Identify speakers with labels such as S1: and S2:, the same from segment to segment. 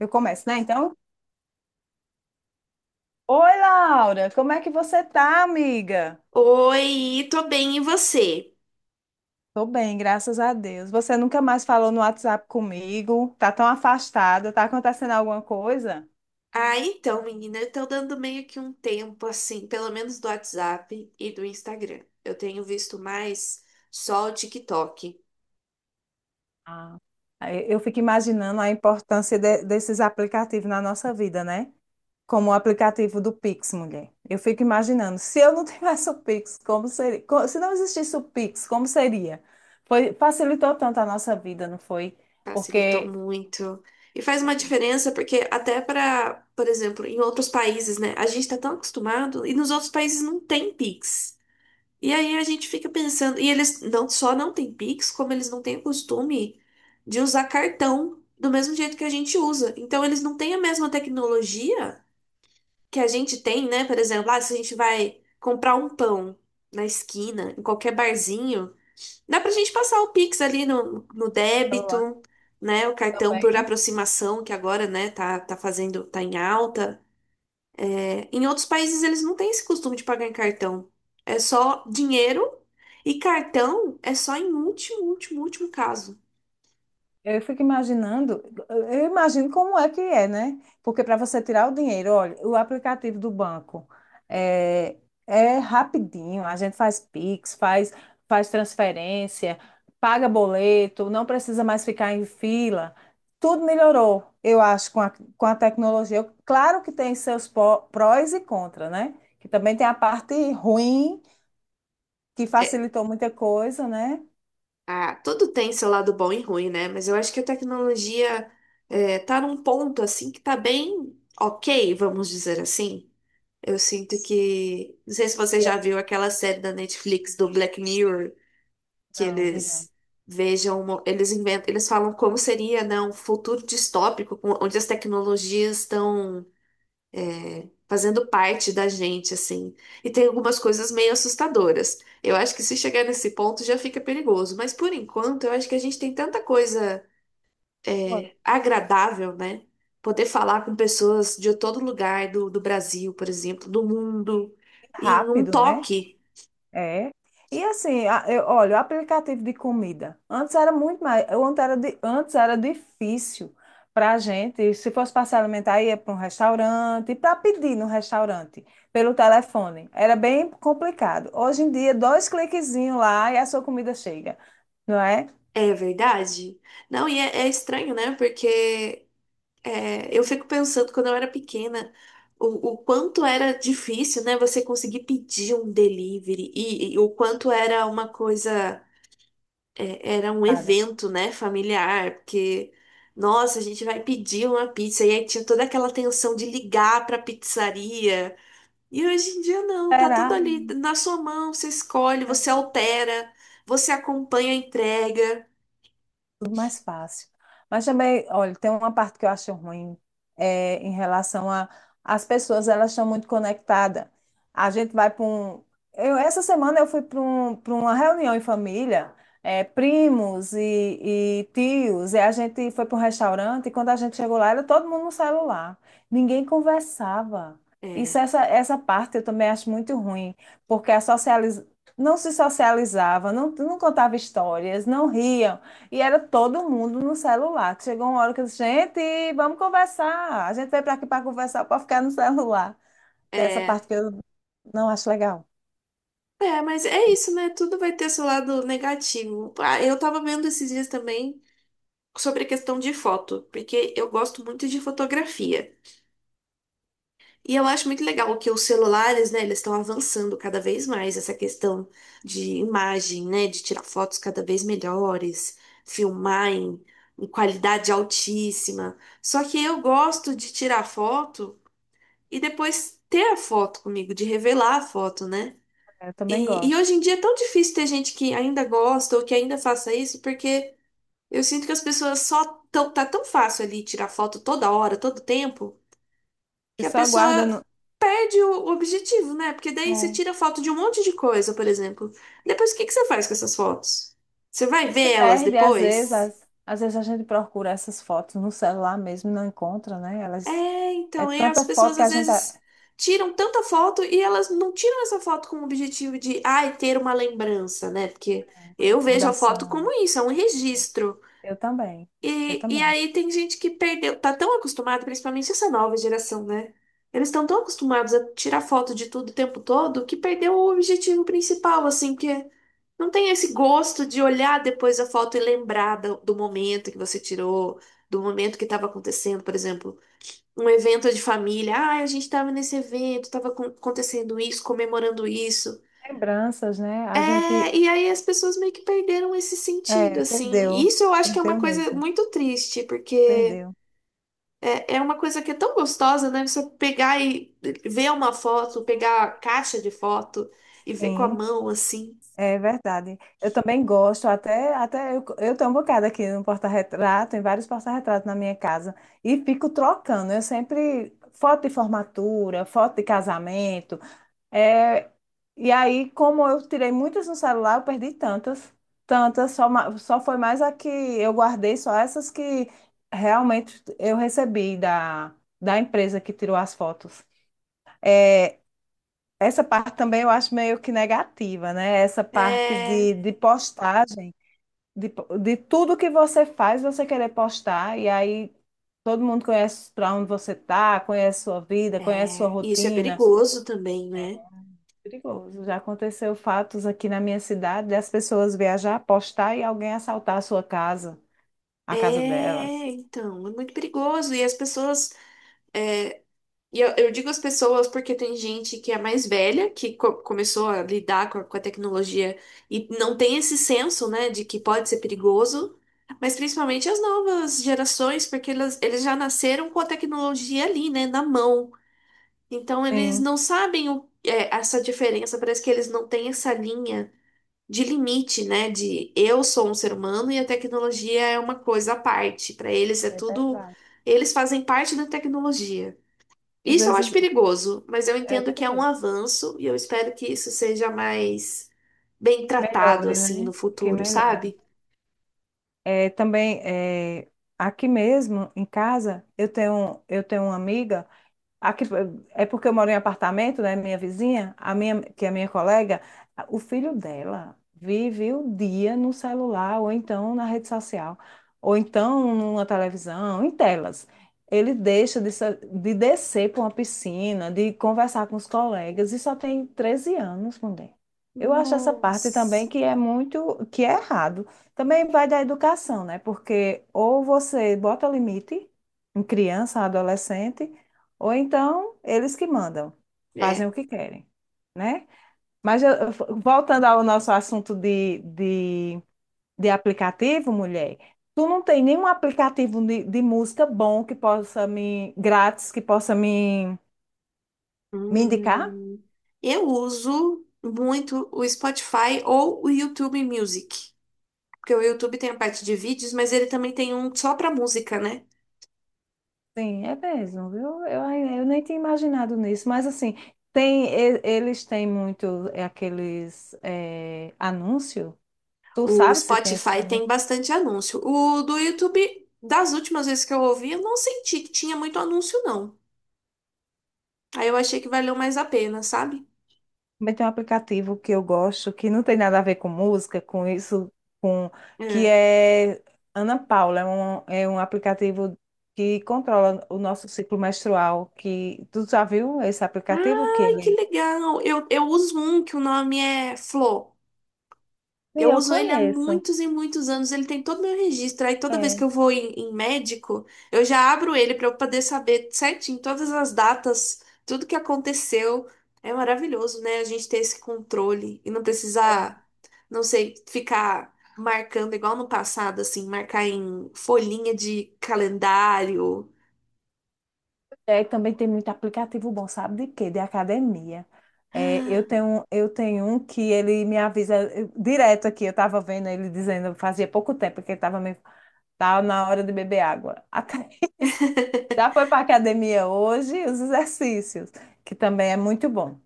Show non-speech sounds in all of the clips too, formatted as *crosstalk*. S1: Eu começo, né? Então, oi, Laura, como é que você tá, amiga?
S2: Oi, tô bem, e você?
S1: Tô bem, graças a Deus. Você nunca mais falou no WhatsApp comigo, tá tão afastada, tá acontecendo alguma coisa?
S2: Ah, então, menina, eu tô dando meio que um tempo, assim, pelo menos do WhatsApp e do Instagram. Eu tenho visto mais só o TikTok.
S1: Ah. Aí eu fico imaginando a importância desses aplicativos na nossa vida, né? Como o aplicativo do Pix, mulher. Eu fico imaginando, se eu não tivesse o Pix, como seria? Se não existisse o Pix, como seria? Foi, facilitou tanto a nossa vida, não foi?
S2: Facilitou
S1: Porque
S2: muito. E faz uma diferença, porque até pra, por exemplo, em outros países, né? A gente tá tão acostumado e nos outros países não tem Pix. E aí a gente fica pensando, e eles não só não têm Pix, como eles não têm o costume de usar cartão do mesmo jeito que a gente usa. Então eles não têm a mesma tecnologia que a gente tem, né? Por exemplo, ah, se a gente vai comprar um pão na esquina, em qualquer barzinho, dá pra gente passar o Pix ali no
S1: celular
S2: débito, né? O cartão por
S1: também.
S2: aproximação, que agora, né, tá fazendo, tá em alta. Em outros países eles não têm esse costume de pagar em cartão. É só dinheiro e cartão é só em último, último, último caso.
S1: Eu fico imaginando, eu imagino como é que é, né? Porque para você tirar o dinheiro, olha, o aplicativo do banco é, é rapidinho, a gente faz Pix, faz transferência, paga boleto, não precisa mais ficar em fila. Tudo melhorou, eu acho, com a tecnologia. Claro que tem seus prós e contras, né? Que também tem a parte ruim, que
S2: É,
S1: facilitou muita coisa, né?
S2: ah, tudo tem seu lado bom e ruim, né? Mas eu acho que a tecnologia é, tá num ponto assim que tá bem ok, vamos dizer assim. Eu sinto que. Não sei se você já
S1: E-
S2: viu aquela série da Netflix do Black Mirror, que
S1: Não, vi não.
S2: eles vejam, eles inventam, eles falam como seria, né, um futuro distópico, onde as tecnologias estão fazendo parte da gente, assim. E tem algumas coisas meio assustadoras. Eu acho que se chegar nesse ponto já fica perigoso, mas por enquanto eu acho que a gente tem tanta coisa
S1: Pô,
S2: é, agradável, né? Poder falar com pessoas de todo lugar do Brasil, por exemplo, do mundo,
S1: que
S2: em um
S1: rápido, né?
S2: toque.
S1: É. E assim, eu, olha, o aplicativo de comida. Antes era muito mais. Antes era difícil para a gente. Se fosse para se alimentar, ia para um restaurante, para pedir no restaurante, pelo telefone. Era bem complicado. Hoje em dia, dois cliquezinhos lá e a sua comida chega, não é?
S2: É verdade? Não, e é, é estranho, né? Porque é, eu fico pensando quando eu era pequena o quanto era difícil, né, você conseguir pedir um delivery e o quanto era uma coisa, é, era um
S1: Cara,
S2: evento, né, familiar, porque nossa, a gente vai pedir uma pizza e aí tinha toda aquela tensão de ligar para pizzaria. E hoje em dia não, tá tudo
S1: será?
S2: ali na sua mão, você escolhe, você altera, você acompanha a entrega.
S1: Tudo mais fácil. Mas também, olha, tem uma parte que eu acho ruim em relação a as pessoas, elas estão muito conectadas. A gente vai para um. Eu, essa semana eu fui para uma reunião em família, primos e tios, e a gente foi para um restaurante, e quando a gente chegou lá, era todo mundo no celular. Ninguém conversava. Isso,
S2: É,
S1: essa parte eu também acho muito ruim, porque não se socializava, não contava histórias, não ria. E era todo mundo no celular. Chegou uma hora que eu disse, gente, vamos conversar. A gente veio para aqui para conversar, para ficar no celular. Tem essa
S2: é.
S1: parte que eu não acho legal.
S2: É, mas é isso, né? Tudo vai ter seu lado negativo. Ah, eu tava vendo esses dias também sobre a questão de foto, porque eu gosto muito de fotografia. E eu acho muito legal que os celulares, né, eles estão avançando cada vez mais essa questão de imagem, né, de tirar fotos cada vez melhores, filmar em qualidade altíssima. Só que eu gosto de tirar foto e depois ter a foto comigo, de revelar a foto, né?
S1: É, eu também
S2: E
S1: gosto.
S2: hoje em dia é tão difícil ter gente que ainda gosta ou que ainda faça isso, porque eu sinto que as pessoas só tão, tá tão fácil ali tirar foto toda hora, todo tempo,
S1: E
S2: que a
S1: só guarda
S2: pessoa
S1: no...
S2: perde o objetivo, né? Porque daí você
S1: É.
S2: tira foto de um monte de coisa, por exemplo. Depois o que que você faz com essas fotos? Você vai
S1: Se
S2: ver elas
S1: perde, às vezes,
S2: depois?
S1: às vezes a gente procura essas fotos no celular mesmo e não encontra, né? Elas...
S2: É,
S1: É
S2: então, e as
S1: tanta foto
S2: pessoas
S1: que a
S2: às
S1: gente...
S2: vezes
S1: é.
S2: tiram tanta foto e elas não tiram essa foto com o objetivo de, ai, ter uma lembrança, né? Porque
S1: Uma
S2: eu vejo a foto
S1: recordação.
S2: como isso, é um registro.
S1: Eu também. Eu
S2: E
S1: também.
S2: aí tem gente que perdeu, tá tão acostumado, principalmente essa nova geração, né? Eles estão tão acostumados a tirar foto de tudo o tempo todo que perdeu o objetivo principal, assim, que não tem esse gosto de olhar depois a foto e lembrar do momento que você tirou, do momento que estava acontecendo, por exemplo, um evento de família. Ah, a gente estava nesse evento, estava acontecendo isso, comemorando isso.
S1: Lembranças, né? A gente...
S2: É, e aí as pessoas meio que perderam esse sentido,
S1: É,
S2: assim.
S1: perdeu.
S2: E isso eu acho que é uma
S1: Perdeu
S2: coisa
S1: mesmo.
S2: muito triste, porque
S1: Perdeu.
S2: é, é uma coisa que é tão gostosa, né? Você pegar e ver uma foto, pegar a caixa de foto e ver com a
S1: Sim,
S2: mão assim.
S1: é verdade. Eu também gosto, até eu tenho um bocado aqui no porta-retrato, em vários porta-retratos na minha casa, e fico trocando. Eu sempre, foto de formatura, foto de casamento. É, e aí, como eu tirei muitas no celular, eu perdi tantas, tantas, só, só foi mais a que eu guardei, só essas que realmente eu recebi da empresa que tirou as fotos. É, essa parte também eu acho meio que negativa, né? Essa parte
S2: É,
S1: de postagem, de tudo que você faz, você querer postar, e aí todo mundo conhece para onde você tá, conhece sua vida, conhece sua
S2: é, e isso é
S1: rotina. Isso é.
S2: perigoso também, né?
S1: Perigoso. Já aconteceu fatos aqui na minha cidade das pessoas viajar, postar e alguém assaltar a sua casa, a casa delas.
S2: É, então, é muito perigoso. E as pessoas, é, e eu digo as pessoas porque tem gente que é mais velha, que começou a lidar com com a tecnologia e não tem esse senso, né, de que pode ser perigoso, mas principalmente as novas gerações, porque elas, eles já nasceram com a tecnologia ali, né, na mão. Então eles
S1: Sim,
S2: não sabem o, é, essa diferença, parece que eles não têm essa linha de limite, né, de eu sou um ser humano e a tecnologia é uma coisa à parte. Para eles é
S1: é
S2: tudo,
S1: verdade.
S2: eles fazem parte da tecnologia.
S1: Às
S2: Isso eu acho
S1: vezes
S2: perigoso, mas eu
S1: é
S2: entendo que é um
S1: perigoso.
S2: avanço e eu espero que isso seja mais bem
S1: Que
S2: tratado
S1: melhore,
S2: assim
S1: né?
S2: no
S1: Que
S2: futuro,
S1: melhore.
S2: sabe?
S1: É, também é, aqui mesmo em casa eu tenho uma amiga. Aqui, é porque eu moro em apartamento, né? Minha vizinha, a minha, que é minha colega, o filho dela vive o dia no celular, ou então na rede social, ou então numa televisão, em telas. Ele deixa de descer para uma piscina, de conversar com os colegas, e só tem 13 anos, mulher. Eu acho essa parte também
S2: Nossa.
S1: que é muito, que é errado. Também vai da educação, né? Porque ou você bota limite em criança, adolescente, ou então, eles que mandam, fazem
S2: É.
S1: o que querem, né? Mas voltando ao nosso assunto de aplicativo, mulher, tu não tem nenhum aplicativo de música bom que possa me, grátis, que possa me indicar?
S2: Hum, eu uso muito o Spotify ou o YouTube Music, porque o YouTube tem a parte de vídeos, mas ele também tem um só para música, né?
S1: Sim, é mesmo, viu? Eu nem tinha imaginado nisso, mas assim, tem, eles têm muito aqueles anúncios. Tu
S2: O
S1: sabe se tem esse.
S2: Spotify tem bastante anúncio. O do YouTube, das últimas vezes que eu ouvi, eu não senti que tinha muito anúncio, não. Aí eu achei que valeu mais a pena, sabe?
S1: Também tem um aplicativo que eu gosto, que não tem nada a ver com música, com isso, com que
S2: É.
S1: é Ana Paula, é um aplicativo que controla o nosso ciclo menstrual, que tu já viu esse aplicativo que
S2: Ai, que
S1: ele...
S2: legal! Eu uso um que o nome é Flo.
S1: Sim,
S2: Eu
S1: eu
S2: uso ele há
S1: conheço.
S2: muitos e muitos anos. Ele tem todo o meu registro. Aí toda vez
S1: É,
S2: que eu vou em médico, eu já abro ele para eu poder saber certinho todas as datas, tudo que aconteceu. É maravilhoso, né? A gente ter esse controle e não precisar, não sei, ficar marcando igual no passado, assim, marcar em folhinha de calendário.
S1: é, também tem muito aplicativo bom, sabe de quê? De academia. É, eu tenho um que ele me avisa direto aqui, eu estava vendo ele dizendo, fazia pouco tempo que ele estava me tá na hora de beber água. A Thaís *laughs*
S2: *laughs*
S1: já foi para academia hoje, os exercícios, que também é muito bom.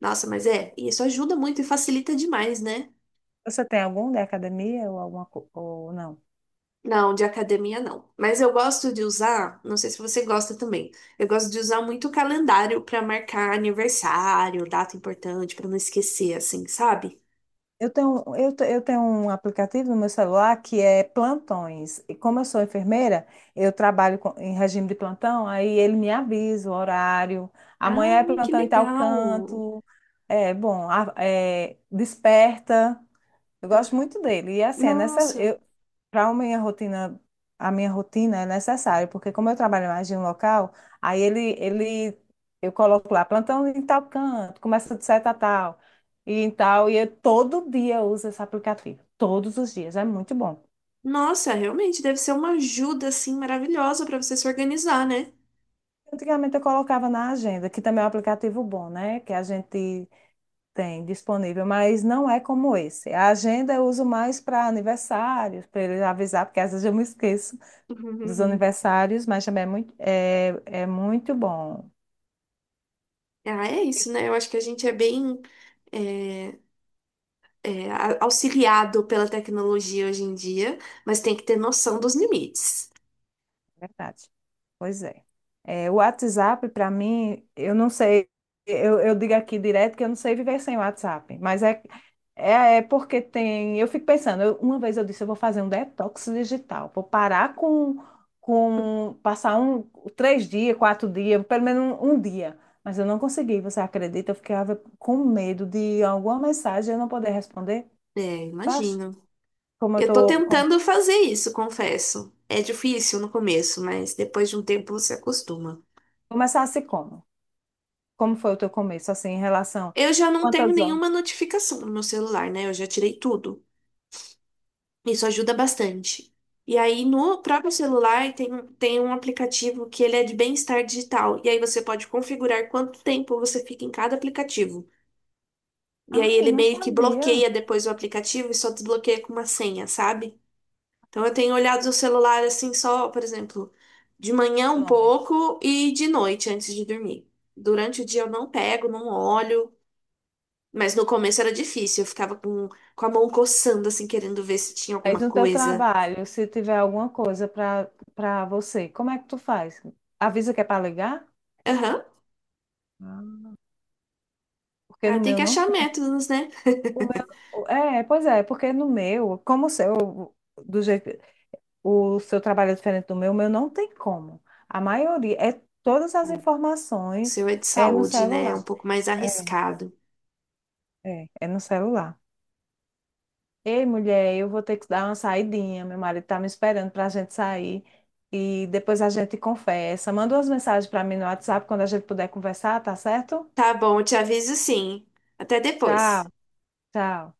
S2: Nossa, mas é, isso ajuda muito e facilita demais, né?
S1: Você tem algum da academia ou alguma ou não?
S2: Não, de academia não. Mas eu gosto de usar, não sei se você gosta também. Eu gosto de usar muito o calendário pra marcar aniversário, data importante, pra não esquecer, assim, sabe?
S1: Eu tenho um aplicativo no meu celular que é plantões. E como eu sou enfermeira, eu trabalho em regime de plantão, aí ele me avisa o horário. Amanhã
S2: Ah,
S1: é
S2: que
S1: plantão em tal
S2: legal.
S1: canto. É bom, desperta. Eu gosto muito dele. E assim, é nessa,
S2: Nossa.
S1: eu, para a minha rotina é necessário, porque como eu trabalho mais de um local, aí eu coloco lá, plantão em tal canto, começa de seta a tal, e em tal, e eu todo dia eu uso esse aplicativo. Todos os dias, é muito bom.
S2: Nossa, realmente deve ser uma ajuda assim maravilhosa pra você se organizar, né?
S1: Antigamente eu colocava na agenda, que também é um aplicativo bom, né? Que a gente tem disponível, mas não é como esse. A agenda eu uso mais para aniversários, para ele avisar, porque às vezes eu me esqueço dos
S2: *laughs*
S1: aniversários, mas também é muito, é muito bom,
S2: Ah, é isso, né? Eu acho que a gente é bem eh, é, auxiliado pela tecnologia hoje em dia, mas tem que ter noção dos limites.
S1: é verdade. Pois é. É, o WhatsApp, para mim, eu não sei, eu digo aqui direto que eu não sei viver sem o WhatsApp, mas é, é porque tem. Eu fico pensando, uma vez eu disse, eu vou fazer um detox digital, vou parar com passar 3 dias, 4 dias, pelo menos um dia. Mas eu não consegui, você acredita? Eu ficava com medo de alguma mensagem eu não poder responder,
S2: É,
S1: tu acha?
S2: imagino.
S1: Como eu
S2: Eu tô
S1: tô,
S2: tentando fazer isso, confesso. É difícil no começo, mas depois de um tempo você acostuma.
S1: começasse como? Como foi o teu começo, assim, em relação...
S2: Eu já não tenho
S1: Quantas horas?
S2: nenhuma notificação no meu celular, né? Eu já tirei tudo. Isso ajuda bastante. E aí, no próprio celular, tem, tem um aplicativo que ele é de bem-estar digital. E aí você pode configurar quanto tempo você fica em cada aplicativo. E aí
S1: Ah, eu
S2: ele
S1: não
S2: meio que
S1: sabia
S2: bloqueia depois o aplicativo e só desbloqueia com uma senha, sabe? Então eu tenho olhado o celular assim só, por exemplo, de manhã
S1: o
S2: um
S1: nome.
S2: pouco e de noite antes de dormir. Durante o dia eu não pego, não olho, mas no começo era difícil, eu ficava com a mão coçando assim, querendo ver se tinha
S1: Aí
S2: alguma
S1: no teu
S2: coisa.
S1: trabalho, se tiver alguma coisa para você, como é que tu faz? Avisa que é para ligar?
S2: Aham.
S1: Ah. Porque no
S2: Ah, tem
S1: meu
S2: que
S1: não
S2: achar
S1: tem.
S2: métodos, né?
S1: O meu... É, pois é, porque no meu, como o seu, do jeito, o seu trabalho é diferente do meu, o meu não tem como. A maioria, é todas as
S2: O
S1: informações
S2: seu é de
S1: é no
S2: saúde, né? É um
S1: celular.
S2: pouco mais
S1: É,
S2: arriscado.
S1: é no celular. Ei, mulher, eu vou ter que dar uma saidinha. Meu marido tá me esperando para a gente sair e depois a gente conversa. Manda umas mensagens para mim no WhatsApp quando a gente puder conversar, tá certo?
S2: Tá bom, eu te aviso sim. Até
S1: Tchau,
S2: depois.
S1: tchau.